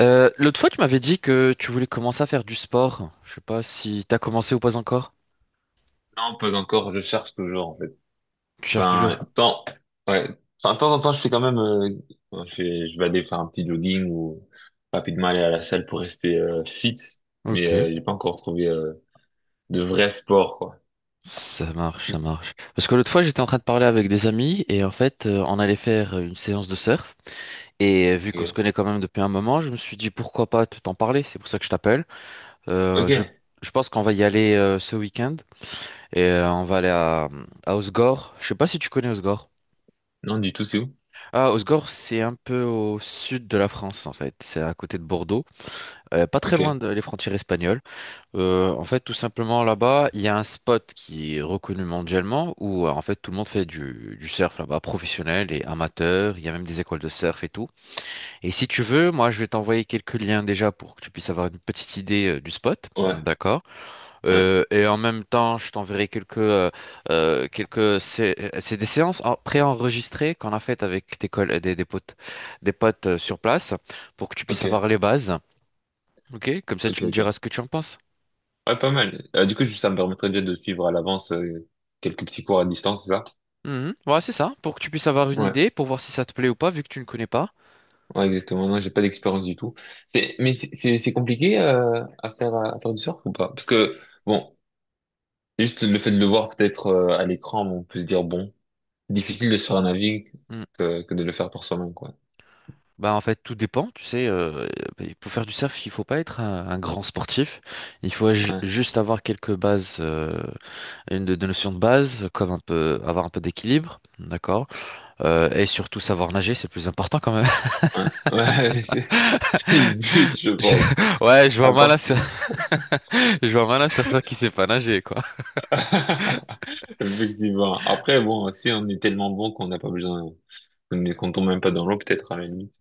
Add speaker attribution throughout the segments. Speaker 1: L'autre fois, tu m'avais dit que tu voulais commencer à faire du sport. Je sais pas si t'as commencé ou pas encore.
Speaker 2: Non, pas encore, je cherche toujours, en fait.
Speaker 1: Tu cherches toujours.
Speaker 2: Enfin, tant, ouais. Enfin, de temps en temps, je fais quand même, je vais aller faire un petit jogging ou rapidement aller à la salle pour rester fit, mais
Speaker 1: Ok.
Speaker 2: j'ai pas encore trouvé de vrai sport, quoi.
Speaker 1: Ça marche, ça marche. Parce que l'autre fois, j'étais en train de parler avec des amis et en fait, on allait faire une séance de surf. Et vu qu'on se
Speaker 2: Ok.
Speaker 1: connaît quand même depuis un moment, je me suis dit pourquoi pas te t'en parler. C'est pour ça que je t'appelle. Euh, je,
Speaker 2: Ok.
Speaker 1: je pense qu'on va y aller ce week-end et on va aller à Osgore. Je sais pas si tu connais Osgore.
Speaker 2: Non, du tout, c'est où?
Speaker 1: Ah, Osgore, c'est un peu au sud de la France en fait. C'est à côté de Bordeaux. Pas très
Speaker 2: Ok.
Speaker 1: loin des frontières espagnoles. En fait, tout simplement là-bas, il y a un spot qui est reconnu mondialement où en fait tout le monde fait du surf là-bas, professionnel et amateur. Il y a même des écoles de surf et tout. Et si tu veux, moi, je vais t'envoyer quelques liens déjà pour que tu puisses avoir une petite idée du spot.
Speaker 2: Ouais.
Speaker 1: D'accord.
Speaker 2: Ouais.
Speaker 1: Et en même temps, je t'enverrai quelques quelques c'est des séances préenregistrées qu'on a faites avec des potes sur place pour que tu puisses
Speaker 2: Ok.
Speaker 1: avoir les bases. Ok, comme ça
Speaker 2: Ok,
Speaker 1: tu me diras
Speaker 2: ok.
Speaker 1: ce que tu en penses.
Speaker 2: Ouais, pas mal. Du coup, ça me permettrait déjà de suivre à l'avance quelques petits cours à distance, c'est ça?
Speaker 1: Mhm. Ouais, c'est ça, pour que tu puisses avoir une
Speaker 2: Ouais.
Speaker 1: idée, pour voir si ça te plaît ou pas, vu que tu ne connais pas.
Speaker 2: Ouais, exactement. Non, j'ai pas d'expérience du tout. Mais c'est compliqué à faire du surf ou pas? Parce que bon, juste le fait de le voir peut-être à l'écran, on peut se dire bon, difficile de se faire un avis
Speaker 1: Mhm.
Speaker 2: que de le faire par soi-même, quoi.
Speaker 1: Bah en fait, tout dépend, tu sais, pour faire du surf, il faut pas être un grand sportif, il faut
Speaker 2: Ouais,
Speaker 1: juste avoir quelques bases, une de notions de base, comme un peu, avoir un peu d'équilibre, d'accord? Et surtout savoir nager, c'est le plus important quand même.
Speaker 2: ouais. C'est le but, je
Speaker 1: Je-
Speaker 2: pense.
Speaker 1: Ouais, je vois
Speaker 2: À
Speaker 1: mal un,
Speaker 2: part si-
Speaker 1: cer- Je vois mal un surfeur qui sait pas nager, quoi.
Speaker 2: effectivement. Après, bon, si on est tellement bon qu'on n'a pas besoin, qu'on tombe même pas dans l'eau, peut-être à la limite.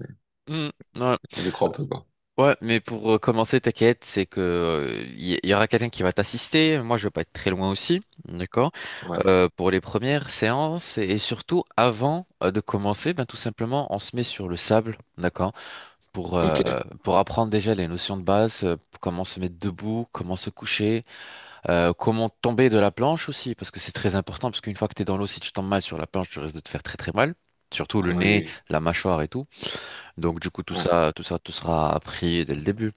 Speaker 1: Mhm. Ouais,
Speaker 2: Je crois un peu, quoi.
Speaker 1: ouais, mais pour commencer, t'inquiète, c'est que il y aura quelqu'un qui va t'assister. Moi, je vais pas être très loin aussi, d'accord?
Speaker 2: Ouais.
Speaker 1: Pour les premières séances et surtout avant de commencer, ben tout simplement, on se met sur le sable, d'accord? Pour
Speaker 2: Ok.
Speaker 1: euh, pour apprendre déjà les notions de base, comment se mettre debout, comment se coucher, comment tomber de la planche aussi, parce que c'est très important, parce qu'une fois que t'es dans l'eau, si tu tombes mal sur la planche, tu risques de te faire très très mal. Surtout le
Speaker 2: Oui,
Speaker 1: nez,
Speaker 2: oui.
Speaker 1: la mâchoire et tout. Donc du coup tout
Speaker 2: Ouais.
Speaker 1: ça, tout ça, tout sera appris dès le début.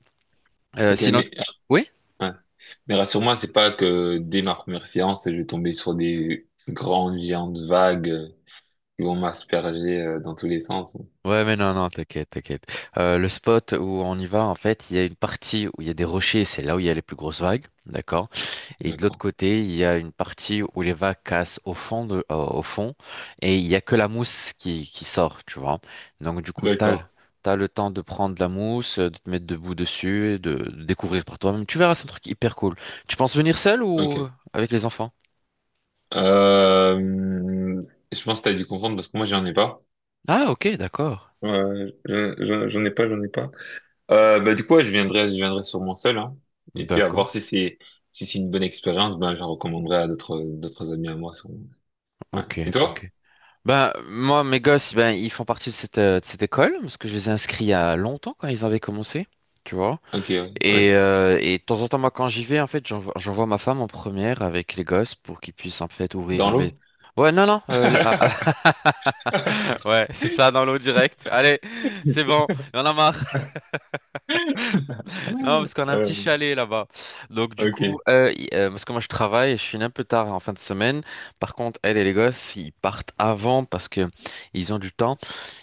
Speaker 2: Ok,
Speaker 1: Sinon,
Speaker 2: mais
Speaker 1: oui?
Speaker 2: ouais. Mais rassure-moi, c'est pas que dès ma première séance, je vais tomber sur des grandes géantes vagues qui vont m'asperger dans tous les sens.
Speaker 1: Ouais, mais non, non, t'inquiète, t'inquiète. Le spot où on y va, en fait, il y a une partie où il y a des rochers, c'est là où il y a les plus grosses vagues, d'accord? Et de l'autre
Speaker 2: D'accord.
Speaker 1: côté, il y a une partie où les vagues cassent au fond, et il y a que la mousse qui sort, tu vois? Donc, du coup,
Speaker 2: D'accord.
Speaker 1: t'as le temps de prendre la mousse, de te mettre debout dessus, et de découvrir par toi-même. Tu verras, c'est un truc hyper cool. Tu penses venir seul
Speaker 2: Ok.
Speaker 1: ou avec les enfants?
Speaker 2: Euh, je pense que t'as dû comprendre parce que moi, j'en ai pas.
Speaker 1: Ah, ok, d'accord.
Speaker 2: J'en ai pas, j'en ai pas. Bah, du coup, ouais, je viendrai sûrement seul, hein. Et puis, à
Speaker 1: D'accord,
Speaker 2: voir si c'est, si c'est une bonne expérience, ben, je la recommanderai à d'autres, d'autres amis à moi, sûrement. Ouais.
Speaker 1: ok,
Speaker 2: Et toi?
Speaker 1: ok. Ben, moi, mes gosses, ben, ils font partie de cette école, parce que je les ai inscrits il y a longtemps quand ils avaient commencé, tu vois.
Speaker 2: Ok, ouais.
Speaker 1: Et,
Speaker 2: Ouais.
Speaker 1: euh, et de temps en temps, moi, quand j'y vais, en fait, j'envoie ma femme en première avec les gosses pour qu'ils puissent, en fait,
Speaker 2: Dans
Speaker 1: ouvrir. Mais,
Speaker 2: l'eau?
Speaker 1: ouais, non, non, ah, ouais, c'est ça, dans l'eau direct. Allez, c'est bon, on en a marre. Non, parce qu'on a un
Speaker 2: Euh,
Speaker 1: petit chalet là-bas. Donc, du coup,
Speaker 2: ok.
Speaker 1: parce que moi, je travaille, et je finis un peu tard en fin de semaine. Par contre, elle et les gosses, ils partent avant parce que ils ont du temps.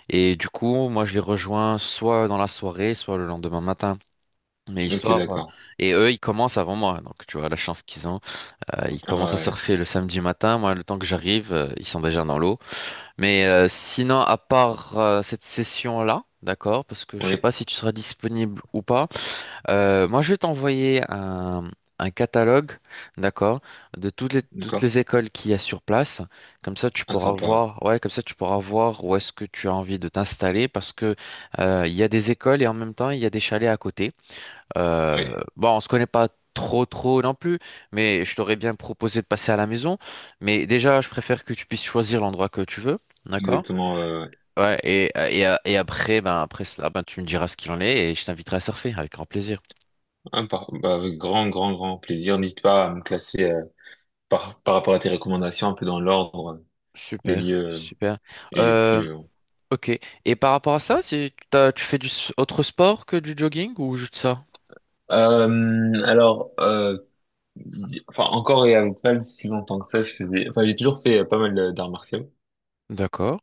Speaker 1: Et du coup, moi, je les rejoins soit dans la soirée, soit le lendemain matin. Mais
Speaker 2: Ok,
Speaker 1: histoire,
Speaker 2: d'accord.
Speaker 1: et eux, ils commencent avant moi, donc tu vois la chance qu'ils ont. Ils
Speaker 2: Ah
Speaker 1: commencent à
Speaker 2: ouais.
Speaker 1: surfer le samedi matin. Moi, le temps que j'arrive, ils sont déjà dans l'eau. Mais sinon, à part cette session-là, d'accord, parce que je sais
Speaker 2: Oui,
Speaker 1: pas si tu seras disponible ou pas. Moi, je vais t'envoyer un, catalogue, d'accord, de toutes
Speaker 2: d'accord.
Speaker 1: les écoles qu'il y a sur place. Comme ça, tu
Speaker 2: Ah,
Speaker 1: pourras
Speaker 2: sympa.
Speaker 1: voir, ouais, comme ça, tu pourras voir où est-ce que tu as envie de t'installer parce que il y a des écoles et en même temps, il y a des chalets à côté.
Speaker 2: Ouais.
Speaker 1: Bon, on se connaît pas trop, trop non plus, mais je t'aurais bien proposé de passer à la maison. Mais déjà, je préfère que tu puisses choisir l'endroit que tu veux.
Speaker 2: Oui,
Speaker 1: D'accord?
Speaker 2: exactement.
Speaker 1: Ouais, et après, ben, après cela, ben, tu me diras ce qu'il en est et je t'inviterai à surfer avec grand plaisir.
Speaker 2: Ah, par- bah, avec grand, grand, grand plaisir. N'hésite pas à me classer par rapport à tes recommandations, un peu dans l'ordre des
Speaker 1: Super,
Speaker 2: lieux.
Speaker 1: super.
Speaker 2: Et
Speaker 1: Euh,
Speaker 2: puis, euh,
Speaker 1: ok. Et par rapport à ça, si tu tu fais autre sport que du jogging ou juste ça?
Speaker 2: alors, enfin, encore et avec pas si longtemps que ça, je faisais. Enfin, j'ai toujours fait pas mal d'arts martiaux.
Speaker 1: D'accord.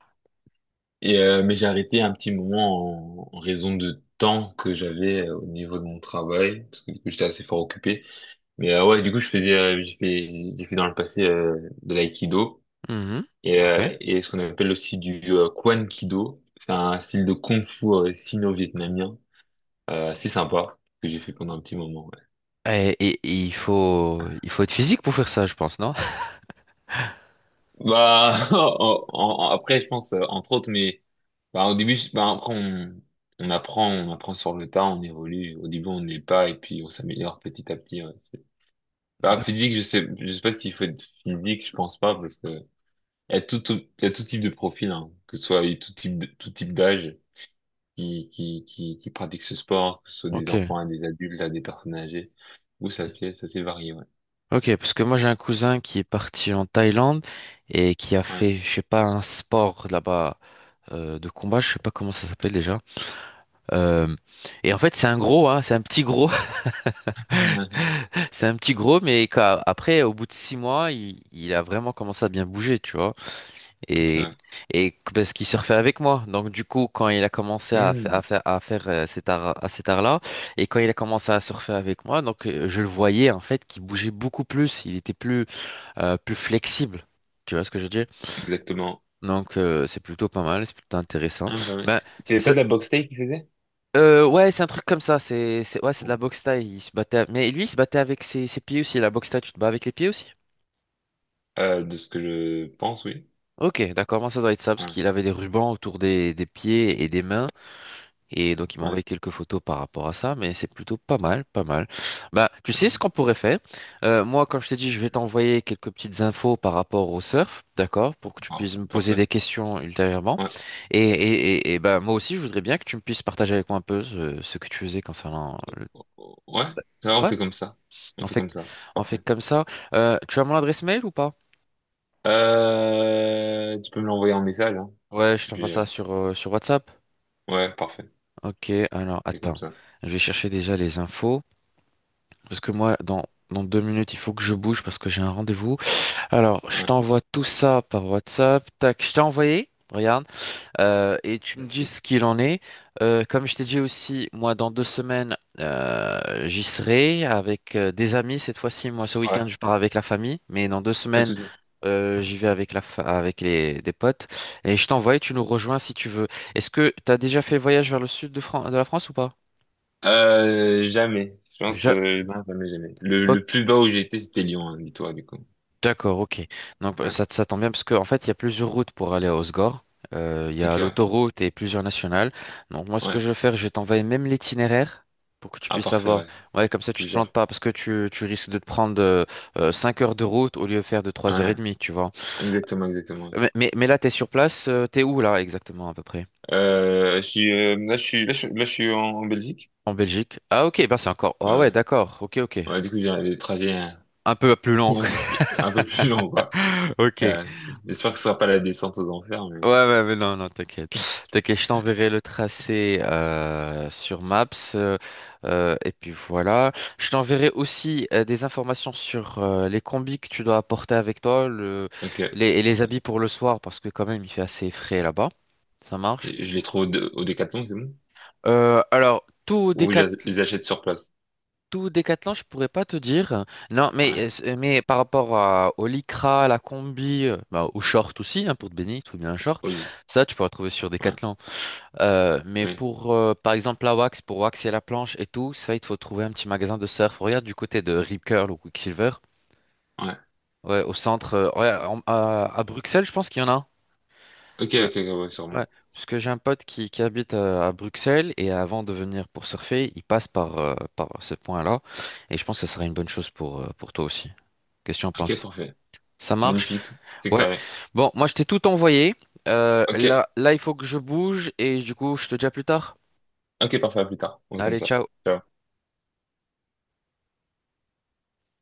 Speaker 2: Et mais j'ai arrêté un petit moment en, en raison de temps que j'avais au niveau de mon travail, parce que du coup, j'étais assez fort occupé. Mais ouais, du coup, je faisais, j'ai fait dans le passé de l'aïkido
Speaker 1: Mhm. Parfait.
Speaker 2: et ce qu'on appelle aussi du Kwan Kido. C'est un style de kung-fu sino-vietnamien, assez sympa que j'ai fait pendant un petit moment. Ouais.
Speaker 1: Et il faut être physique pour faire ça, je pense, non?
Speaker 2: Bah, après, je pense entre autres, mais bah, bah, on apprend sur le tas, on évolue. Au début, on n'est pas et puis on s'améliore petit à petit. Ouais. C'est- Bah,
Speaker 1: D'ac-
Speaker 2: physique, je sais pas s'il faut être physique, je pense pas parce que il y a tout, il y a tout type de profil, hein, que ce soit il y a tout type de- tout type d'âge qui pratique ce sport, que ce soit des
Speaker 1: Ok.
Speaker 2: enfants à des adultes, à des personnes âgées. Ou ça c'est varié, ouais.
Speaker 1: Ok, parce que moi j'ai un cousin qui est parti en Thaïlande et qui a
Speaker 2: Ouais.
Speaker 1: fait, je sais pas, un sport là-bas de combat, je sais pas comment ça s'appelle déjà. Euh, et en fait c'est un gros, hein, c'est un petit gros.
Speaker 2: Ouais, ouais.
Speaker 1: C'est un petit gros, mais après, au bout de 6 mois, il a vraiment commencé à bien bouger, tu vois.
Speaker 2: Ok,
Speaker 1: Et,
Speaker 2: ouais.
Speaker 1: Parce qu'il surfait avec moi. Donc, du coup, quand il a commencé à, fa-
Speaker 2: Hmm,
Speaker 1: à faire, à faire à cet art-là, et quand il a commencé à surfer avec moi, donc, je le voyais, en fait, qu'il bougeait beaucoup plus. Il était plus flexible. Tu vois ce que je veux dire?
Speaker 2: exactement.
Speaker 1: Donc, c'est plutôt pas mal, c'est plutôt intéressant.
Speaker 2: Ah, bah ouais,
Speaker 1: Ben,
Speaker 2: c'est- C'était pas
Speaker 1: ça,
Speaker 2: de la boxe thaï qu'il faisait?
Speaker 1: ouais, c'est un truc comme ça. Ouais, c'est de
Speaker 2: Ouais.
Speaker 1: la boxe thaï. Il se battait, mais lui, il se battait avec ses pieds aussi. La boxe thaï, tu te bats avec les pieds aussi?
Speaker 2: De ce que je pense, oui.
Speaker 1: Ok, d'accord. Moi, ça doit être ça parce
Speaker 2: Ouais,
Speaker 1: qu'il avait des rubans autour des pieds et des mains. Et donc, il m'a
Speaker 2: ouais.
Speaker 1: envoyé quelques photos par rapport à ça. Mais c'est plutôt pas mal, pas mal. Bah, tu sais ce qu'on
Speaker 2: Ok.
Speaker 1: pourrait faire? Moi, quand je t'ai dit, je vais t'envoyer quelques petites infos par rapport au surf, d'accord, pour que tu
Speaker 2: Wow,
Speaker 1: puisses me poser
Speaker 2: parfait.
Speaker 1: des questions ultérieurement.
Speaker 2: Ouais.
Speaker 1: Et bah, moi aussi, je voudrais bien que tu me puisses partager avec moi un peu ce que tu faisais concernant le.
Speaker 2: Ouais, ça va, on
Speaker 1: Ouais,
Speaker 2: fait comme ça. On
Speaker 1: On
Speaker 2: fait
Speaker 1: fait,
Speaker 2: comme ça.
Speaker 1: on fait
Speaker 2: Parfait.
Speaker 1: comme ça. Tu as mon adresse mail ou pas?
Speaker 2: Tu peux me l'envoyer en message, hein.
Speaker 1: Ouais, je t'envoie
Speaker 2: Puis, euh,
Speaker 1: ça sur WhatsApp.
Speaker 2: ouais, parfait.
Speaker 1: Ok, alors
Speaker 2: On fait comme
Speaker 1: attends.
Speaker 2: ça.
Speaker 1: Je vais chercher déjà les infos. Parce que moi, dans 2 minutes, il faut que je bouge parce que j'ai un rendez-vous. Alors, je
Speaker 2: Ouais,
Speaker 1: t'envoie tout ça par WhatsApp. Tac, je t'ai envoyé. Regarde. Et tu me dis
Speaker 2: merci.
Speaker 1: ce qu'il en est. Comme je t'ai dit aussi, moi, dans 2 semaines, j'y serai avec des amis. Cette fois-ci, moi, ce
Speaker 2: Ouais,
Speaker 1: week-end, je pars avec la famille, mais dans deux
Speaker 2: pas de
Speaker 1: semaines,
Speaker 2: souci.
Speaker 1: j'y vais avec la fa- avec les des potes. Et je t'envoie et tu nous rejoins si tu veux. Est-ce que tu as déjà fait le voyage vers le sud de la France ou pas?
Speaker 2: Jamais. Je pense,
Speaker 1: Je-
Speaker 2: non, jamais, jamais.
Speaker 1: ok.
Speaker 2: Le plus bas où j'ai été, c'était Lyon, hein, dis-toi, du coup.
Speaker 1: D'accord, ok. Donc
Speaker 2: Ouais.
Speaker 1: ça, ça tombe bien parce qu'en fait, il y a plusieurs routes pour aller à Osgore. Il y
Speaker 2: Ok,
Speaker 1: a
Speaker 2: ouais.
Speaker 1: l'autoroute et plusieurs nationales. Donc moi, ce que
Speaker 2: Ouais.
Speaker 1: je vais faire, je vais t'envoyer même l'itinéraire pour que tu
Speaker 2: Ah,
Speaker 1: puisses
Speaker 2: parfait,
Speaker 1: avoir...
Speaker 2: ouais.
Speaker 1: Ouais, comme ça, tu
Speaker 2: Tu
Speaker 1: te plantes
Speaker 2: gères.
Speaker 1: pas parce que tu risques de te prendre 5 heures de route au lieu de faire de trois heures
Speaker 2: Ouais.
Speaker 1: et demie, tu vois.
Speaker 2: Exactement, exactement.
Speaker 1: Mais là, t'es sur place, t'es où là exactement à peu près?
Speaker 2: Je suis, là, je suis, là, je suis en, en Belgique.
Speaker 1: En Belgique. Ah ok, ben c'est encore...
Speaker 2: Ouais.
Speaker 1: Ah ouais,
Speaker 2: Ouais,
Speaker 1: d'accord, ok, ok.
Speaker 2: ouais, du coup, j'ai le trajet hein,
Speaker 1: Un peu plus long.
Speaker 2: un peu plus long, quoi.
Speaker 1: Ok.
Speaker 2: C'est- J'espère que ce sera pas la descente aux enfers, mais,
Speaker 1: Ouais, ouais, mais non, non, t'inquiète. T'inquiète, je t'enverrai le tracé sur Maps. euh, et puis voilà. Je t'enverrai aussi des informations sur les combis que tu dois apporter avec toi,
Speaker 2: ok.
Speaker 1: et les
Speaker 2: Parfait.
Speaker 1: habits pour le soir, parce que quand même, il fait assez frais là-bas. Ça marche.
Speaker 2: Et je les trouve au, Dé- au Décathlon, c'est bon?
Speaker 1: Alors,
Speaker 2: Ou je les achète sur place?
Speaker 1: tout Décathlon, je pourrais pas te dire. Non,
Speaker 2: Ouais.
Speaker 1: mais par rapport à, au lycra, à la combi, bah, au short aussi, hein, pour te baigner, il te faut bien un short.
Speaker 2: Oui.
Speaker 1: Ça, tu pourras trouver sur
Speaker 2: Ouais.
Speaker 1: Décathlon. Mais
Speaker 2: Oui.
Speaker 1: pour, par exemple, la wax, pour waxer la planche et tout, ça, il te faut trouver un petit magasin de surf. Regarde du côté de Rip Curl ou Quicksilver.
Speaker 2: Ouais.
Speaker 1: Ouais, au centre. Ouais, à Bruxelles, je pense qu'il y en a un.
Speaker 2: Ok,
Speaker 1: Que-
Speaker 2: ok, ok, ouais, sûrement.
Speaker 1: ouais, parce que j'ai un pote qui habite à Bruxelles et avant de venir pour surfer, il passe par ce point-là. Et je pense que ça serait une bonne chose pour toi aussi. Qu'est-ce que tu en
Speaker 2: Ok,
Speaker 1: penses?
Speaker 2: parfait.
Speaker 1: Ça marche?
Speaker 2: Magnifique. C'est
Speaker 1: Ouais.
Speaker 2: carré.
Speaker 1: Bon, moi, je t'ai tout envoyé.
Speaker 2: Ok,
Speaker 1: Là, là, il faut que je bouge et du coup, je te dis à plus tard.
Speaker 2: ok, parfait, à plus tard. On fait comme
Speaker 1: Allez,
Speaker 2: ça.
Speaker 1: ciao.
Speaker 2: Ciao.